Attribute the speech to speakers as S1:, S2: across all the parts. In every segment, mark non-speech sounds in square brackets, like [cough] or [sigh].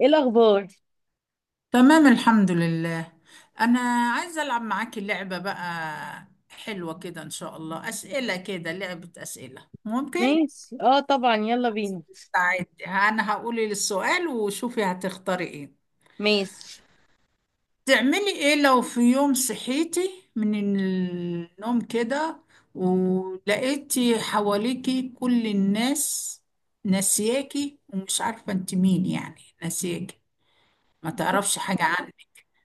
S1: ايه الاخبار؟
S2: تمام، الحمد لله. أنا عايزة ألعب معاكي لعبة بقى حلوة كده، إن شاء الله أسئلة كده لعبة أسئلة، ممكن؟
S1: ماشي، اه طبعا، يلا بينا.
S2: عادي، أنا هقولي السؤال وشوفي هتختاري إيه.
S1: ماشي.
S2: تعملي إيه لو في يوم صحيتي من النوم كده ولقيتي حواليكي كل الناس ناسياكي ومش عارفة أنت مين، يعني ناسياكي ما تعرفش حاجة عنك،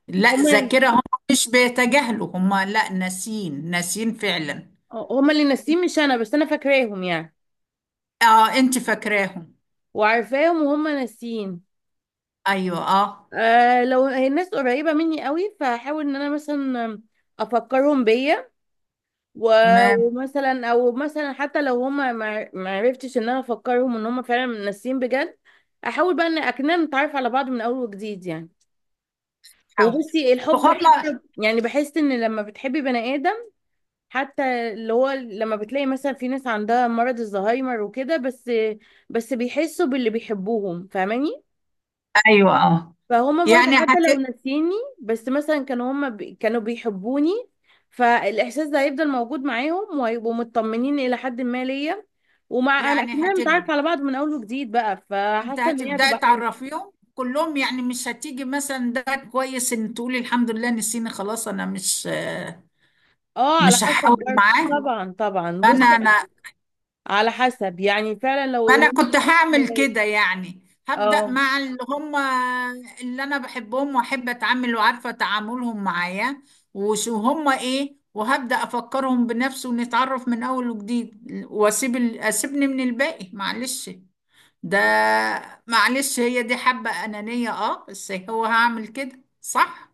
S2: لا
S1: هما.
S2: ذاكرة. هم مش بيتجاهلوا، هم لا، ناسين ناسين فعلا.
S1: هما اللي ناسيين مش انا، بس انا فاكراهم يعني،
S2: اه، انت فاكراهم.
S1: وعارفاهم وهما ناسيين.
S2: ايوه، اه.
S1: آه، لو هي الناس قريبة مني قوي فهحاول ان انا مثلا افكرهم بيا.
S2: تمام.
S1: ومثلا او مثلا حتى لو هما ما عرفتش، ان انا افكرهم ان هما فعلا ناسيين بجد. احاول بقى ان اكننا نتعرف على بعض من اول وجديد يعني.
S2: حاول.
S1: وبصي
S2: طب
S1: الحب
S2: هم.
S1: حتى يعني بحس ان لما بتحبي بني ادم، حتى اللي هو لما بتلاقي مثلا في ناس عندها مرض الزهايمر وكده، بس بيحسوا باللي بيحبوهم، فاهماني؟
S2: ايوه، اه.
S1: فهما
S2: يعني
S1: برضو حتى لو
S2: هت.
S1: ناسيني، بس مثلا كانوا هما بي كانوا بيحبوني، فالإحساس ده هيفضل موجود معاهم وهيبقوا مطمنين إلى حد ما ليا. ومع أنا
S2: يعني
S1: أكننا
S2: هتب...
S1: متعارف على بعض من أول وجديد بقى،
S2: انت
S1: فحاسة إن هي
S2: هتبدأ
S1: هتبقى حلوة.
S2: تعرفيهم كلهم، يعني مش هتيجي مثلا، ده كويس ان تقولي الحمد لله نسيني خلاص، انا مش
S1: اه، على
S2: مش
S1: حسب
S2: هحاول
S1: برضو،
S2: معاه.
S1: طبعا طبعا.
S2: انا
S1: بصي،
S2: انا
S1: على حسب يعني، فعلا لو
S2: ما انا
S1: الأم-
S2: كنت هعمل
S1: [laughs]
S2: كده، يعني هبدأ
S1: اه.
S2: مع اللي هم اللي انا بحبهم واحب اتعامل وعارفة تعاملهم معايا وشو هم ايه، وهبدأ افكرهم بنفسي ونتعرف من اول وجديد، اسيبني من الباقي، معلش ده، معلش هي دي حبة أنانية، اه بس هو هعمل كده صح.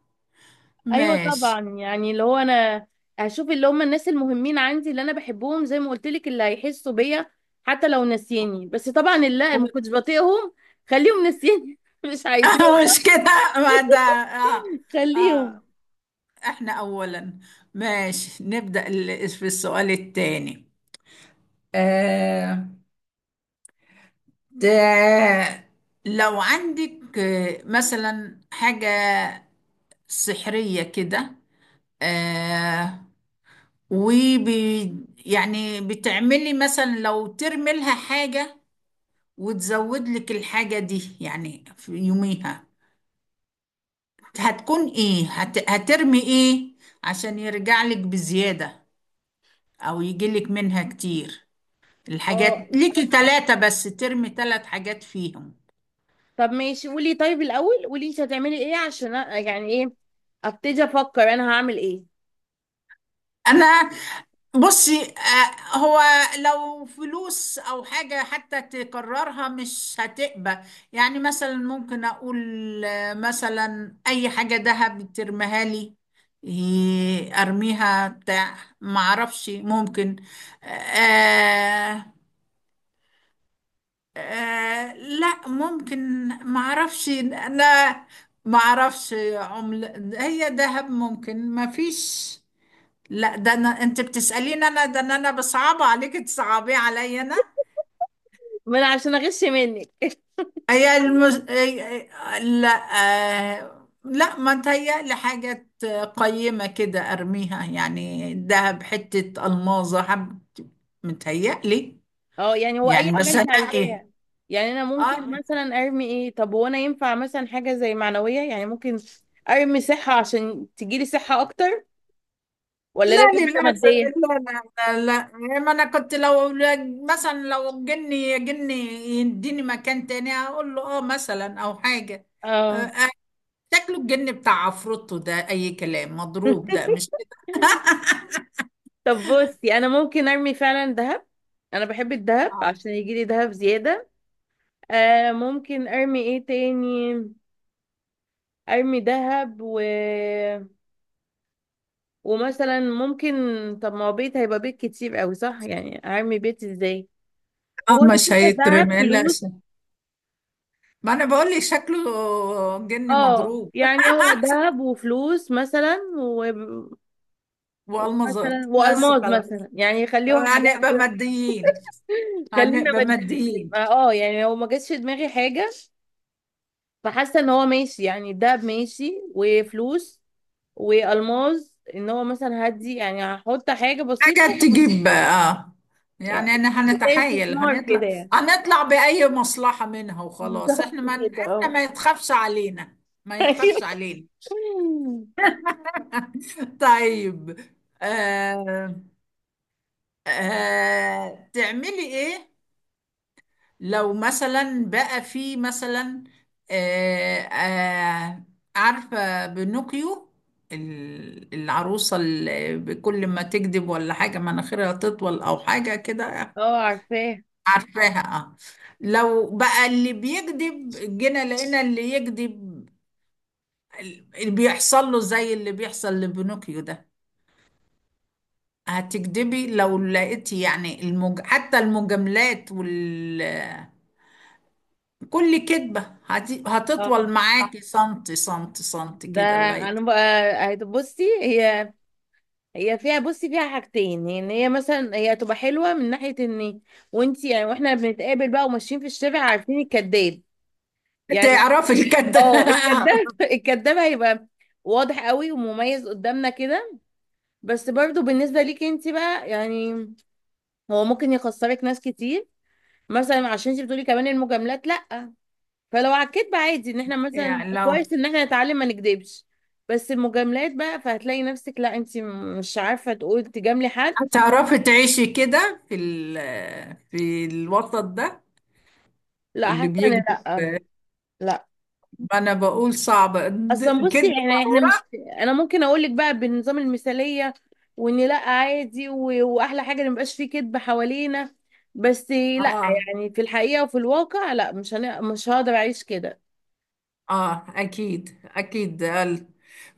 S1: ايوه طبعا،
S2: ماشي.
S1: يعني اللي هو انا هشوف اللي هم الناس المهمين عندي، اللي انا بحبهم، زي ما قلت لك، اللي هيحسوا بيا حتى لو ناسيني. بس طبعا اللي ما كنتش بطيقهم خليهم ناسيني [laughs] مش عايزاه.
S2: [laughs] مش كده، ما ده اه
S1: خليهم.
S2: اه. احنا اولا، ماشي. في السؤال الثاني. آه ده لو عندك مثلا حاجة سحرية كده. آه وبي يعني بتعملي مثلا لو ترمي لها حاجة، وتزود لك الحاجة دي يعني في يوميها، هتكون ايه هترمي ايه عشان يرجع لك بزيادة او يجي لك منها كتير.
S1: اه.
S2: الحاجات ليكي ثلاثة، بس ترمي ثلاث حاجات فيهم.
S1: طب ماشي، قولي، طيب الاول قولي انت هتعملي ايه عشان أ- يعني ايه ابتدي افكر انا هعمل ايه.
S2: أنا بصي، هو لو فلوس أو حاجة حتى تكررها مش هتقبى. يعني مثلا ممكن أقول مثلا أي حاجة دهب ترميها لي، أرميها بتاع معرفش، ممكن. آه لا ممكن معرفش انا، معرفش عملة. هي دهب ممكن ما فيش، لا. ده انا، انت بتسألين انا، ده إن انا بصعب عليك تصعبي عليا انا.
S1: ما انا عشان اغش منك.
S2: هي المز... آه، آه، لا، آه لا ما تهيألي حاجة قيمة كده ارميها، يعني دهب حتة الماظة حب متهيألي.
S1: اه يعني هو اي
S2: يعني
S1: حاجه
S2: بس
S1: انت
S2: انا ايه.
S1: عايزاها. يعني انا ممكن
S2: اه
S1: مثلا ارمي ايه؟ طب هو انا ينفع مثلا حاجه زي معنويه يعني؟ ممكن ارمي صحه عشان تجيلي صحه اكتر، ولا
S2: لا
S1: لازم حاجه
S2: للأسف.
S1: ماديه؟
S2: لا لا. لا, لا. ما أنا كنت لو مثلا لو جني جني يديني مكان تاني أقول له آه مثلا أو حاجة. آه،
S1: اه.
S2: آه، شكله الجن بتاع عفروتو ده أي كلام مضروب، ده
S1: [laughs]
S2: مش كده.
S1: طب بصي انا ممكن ارمي فعلا ذهب، انا بحب الذهب
S2: آه
S1: عشان يجيلي ذهب زياده. آه، ممكن ارمي ايه تاني؟ ارمي ذهب و... ومثلا ممكن، طب ما هو بيت هيبقى بيت كتير قوي صح؟ يعني ارمي بيت ازاي؟ هو انا
S2: مش
S1: شايفه الذهب
S2: هيترمي، لا
S1: فلوس.
S2: ش- ما أنا بقول لك شكله جن
S1: اه
S2: مضروب.
S1: يعني هو ذهب وفلوس مثلا ومثلا
S2: وألمظات بس
S1: والماس
S2: خلاص.
S1: مثلا، يعني يخليهم حاجات.
S2: هنبقى ماديين،
S1: خلينا
S2: هنبقى
S1: ماديين.
S2: ماديين.
S1: اه يعني هو ما جاتش في دماغي حاجه، فحاسه ان هو ماشي يعني، الذهب ماشي وفلوس والماس. ان هو مثلا هدي يعني، هحط حاجه بسيطه
S2: حاجة
S1: [laughs]
S2: تجيب اه.
S1: يعني
S2: يعني انا
S1: زي
S2: هنتحايل،
S1: استثمار كده
S2: هنطلع
S1: يعني
S2: هنطلع بأي مصلحة منها
S1: [laughs]
S2: وخلاص،
S1: بالظبط
S2: احنا ما
S1: كده اه.
S2: يتخافش علينا. ما يتخافش
S1: [laughs]
S2: علينا. [laughs] طيب. آه تعملي ايه لو مثلا بقى في مثلا، آه آه عارفة بنوكيو؟ العروسة اللي كل ما تكذب ولا حاجة مناخيرها تطول أو حاجة كده.
S1: اه عارفاه.
S2: عارفاها، اه. لو بقى اللي بيكذب جينا لقينا اللي يكذب اللي بيحصل له زي اللي بيحصل لبنوكيو ده، هتكذبي لو لقيتي يعني حتى المجاملات وال، كل كذبة
S1: اه
S2: هتطول معاكي سنتي سنتي سنتي
S1: ده
S2: كده لغاية
S1: انا بقى، هتبصي هي، هي فيها، بصي فيها حاجتين، ان هي مثلا هي تبقى حلوه من ناحيه ان وانت يعني واحنا بنتقابل بقى وماشيين في الشارع عارفين الكذاب يعني.
S2: تعرفي الكده.
S1: اه الكذاب [laughs] الكذاب هيبقى واضح قوي ومميز قدامنا كده. بس برضو بالنسبه ليكي انت بقى يعني، هو ممكن يخسرك ناس كتير، مثلا عشان انت بتقولي كمان المجاملات لا. فلو على الكدب عادي، ان احنا
S2: [laughs]
S1: مثلا
S2: يعني لو
S1: كويس ان احنا نتعلم ما نكدبش، بس المجاملات بقى فهتلاقي نفسك لا انت مش عارفه تقول تجاملي حد.
S2: هتعرفي تعيشي كده في في الوسط ده
S1: لا،
S2: اللي
S1: حاسه ان
S2: بيكذب.
S1: لا. لا،
S2: ما انا بقول صعبة،
S1: اصلا بصي
S2: كدب
S1: احنا مش،
S2: ضرورة.
S1: انا ممكن اقول لك بقى بالنظام المثاليه، وان لا عادي و... واحلى حاجه ان مبقاش فيه كذب حوالينا، بس لا.
S2: اه
S1: يعني في الحقيقه وفي الواقع لا، مش هن... مش هقدر اعيش كده.
S2: اه، اكيد اكيد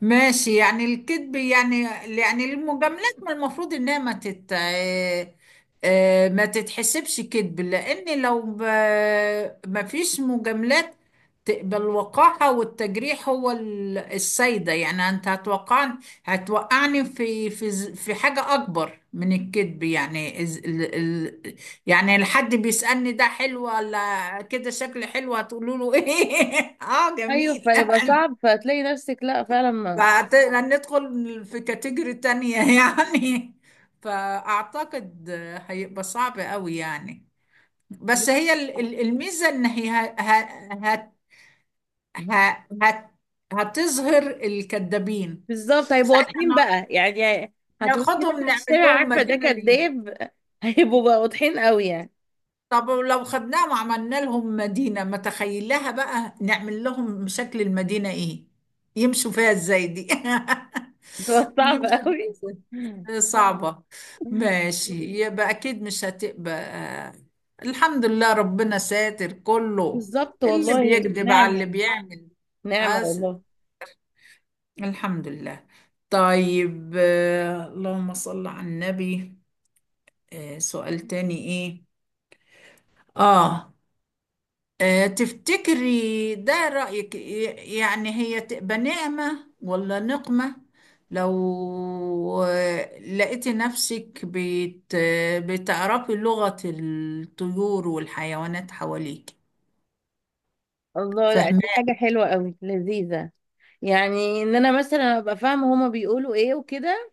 S2: ماشي. يعني الكذب يعني، يعني المجاملات ما المفروض انها ما تت آه، آه، ما تتحسبش كذب، لان لو ما فيش مجاملات تقبل الوقاحة والتجريح، هو السيدة. يعني انت هتوقعني، هتوقعني في في حاجة اكبر من الكذب، يعني يعني الحد بيسألني ده حلو ولا كده، شكل حلو، هتقولوا له ايه؟ [laughs] اه
S1: ايوه
S2: جميل. [laughs]
S1: فيبقى
S2: شوف،
S1: صعب، فهتلاقي نفسك لا فعلا ما.
S2: هندخل في كاتيجوري تانية يعني. [laughs] فأعتقد هيبقى صعب قوي يعني، بس هي الميزة إن هي ه- ه- هتظهر الكذابين
S1: بالظبط هيبقوا
S2: ساعتها.
S1: واضحين بقى يعني، هتقولي
S2: ناخدهم
S1: فاكره في
S2: نعمل
S1: الشارع
S2: لهم
S1: عارفه ده
S2: مدينة.
S1: كداب [laughs] هيبقوا بقى واضحين قوي يعني.
S2: طب لو خدناهم وعملنا لهم مدينة، ما تخيلها بقى، نعمل لهم شكل المدينة ايه، يمشوا فيها ازاي دي؟
S1: بتبقى
S2: [laughs]
S1: صعب
S2: يمشوا فيها
S1: قوي
S2: ازاي، صعبة.
S1: [laughs]
S2: ماشي. يبقى اكيد مش هتبقى الحمد لله ربنا ساتر كله
S1: بالظبط
S2: اللي
S1: والله
S2: بيكذب على اللي
S1: نعمه.
S2: بيعمل.
S1: نعمه
S2: أس...
S1: والله.
S2: الحمد لله. طيب، اللهم صل على النبي. سؤال تاني ايه. اه. تفتكري ده رأيك، يعني هي تبقى نعمة ولا نقمة، لو لقيتي نفسك بت آه، بتعرفي لغة الطيور والحيوانات حواليك؟
S1: الله، لا
S2: فاهمة.
S1: دي حاجة حلوة قوي لذيذة. يعني ان انا مثلا ابقى فاهمة هما بيقولوا ايه وكده،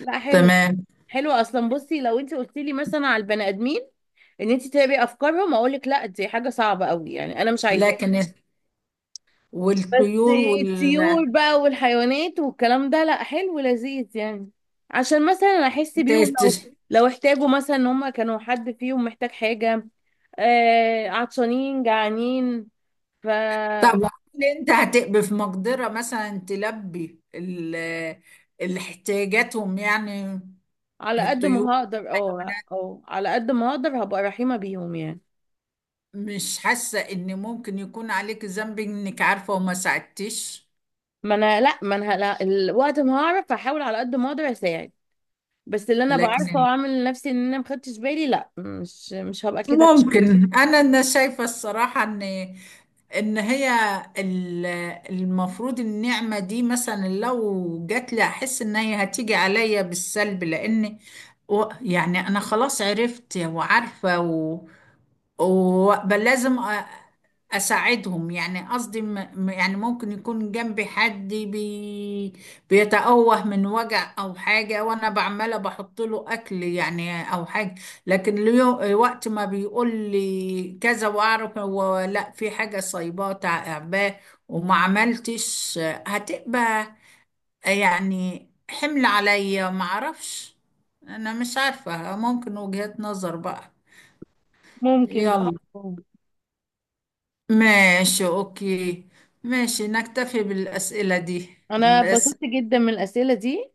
S1: لا حلو.
S2: تمام.
S1: حلو، اصلا بصي لو انت قلت لي مثلا على البني ادمين ان انت تتابعي افكارهم، اقول لك لا دي حاجة صعبة قوي يعني انا مش عايزاها،
S2: لكن
S1: بس
S2: والطيور وال.
S1: الطيور بقى والحيوانات والكلام ده لا حلو لذيذ يعني. عشان مثلا احس بيهم
S2: تت-
S1: لو لو احتاجوا مثلا، ان هما كانوا حد فيهم محتاج حاجة، آه عطشانين جعانين.
S2: طب هل انت هتبقي في مقدرة مثلا تلبي الاحتياجاتهم، يعني
S1: على قد
S2: الطيور؟
S1: ما هقدر اه اه، على قد ما هقدر هبقى رحيمة بيهم يعني.
S2: مش حاسة ان ممكن يكون عليك ذنب انك عارفة وما ساعدتش؟
S1: ما انا لا، ما انا لا الوقت ما هعرف، هحاول على قد ما اقدر اساعد، بس اللي انا
S2: لكن
S1: بعرفه
S2: بس،
S1: واعمل لنفسي ان انا ما خدتش بالي لا، مش مش هبقى كده بقى.
S2: ممكن انا، انا شايفه الصراحه ان، ان هي ال- المفروض النعمه دي مثلا لو جات لي، احس ان هي هتيجي عليا بالسلب، لان يعني انا خلاص عرفت وعارفه وبل لازم اساعدهم، يعني قصدي يعني ممكن يكون جنبي حد بيتأوه من وجع او حاجة وانا بعمله بحط له اكل يعني او حاجة، لكن اليوم وقت ما بيقول لي كذا واعرف هو لا، في حاجه صايباه تعباه وما عملتش، هتبقى يعني حمل عليا، ما اعرفش. انا مش عارفه، ممكن وجهات نظر بقى.
S1: ممكن بقى.
S2: يلا ماشي، اوكي، ماشي نكتفي بالاسئله دي
S1: انا
S2: بس.
S1: اتبسطت جدا من الاسئله دي،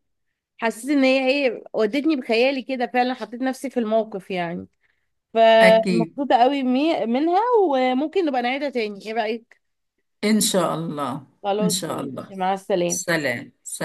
S1: حسيت ان هي ايه، ودتني بخيالي كده، فعلا حطيت نفسي في الموقف يعني،
S2: اكيد.
S1: فمبسوطه قوي منها. وممكن نبقى نعيدها تاني، ايه رايك؟
S2: ان شاء الله. ان
S1: خلاص
S2: شاء الله.
S1: ماشي، مع السلامه.
S2: سلام.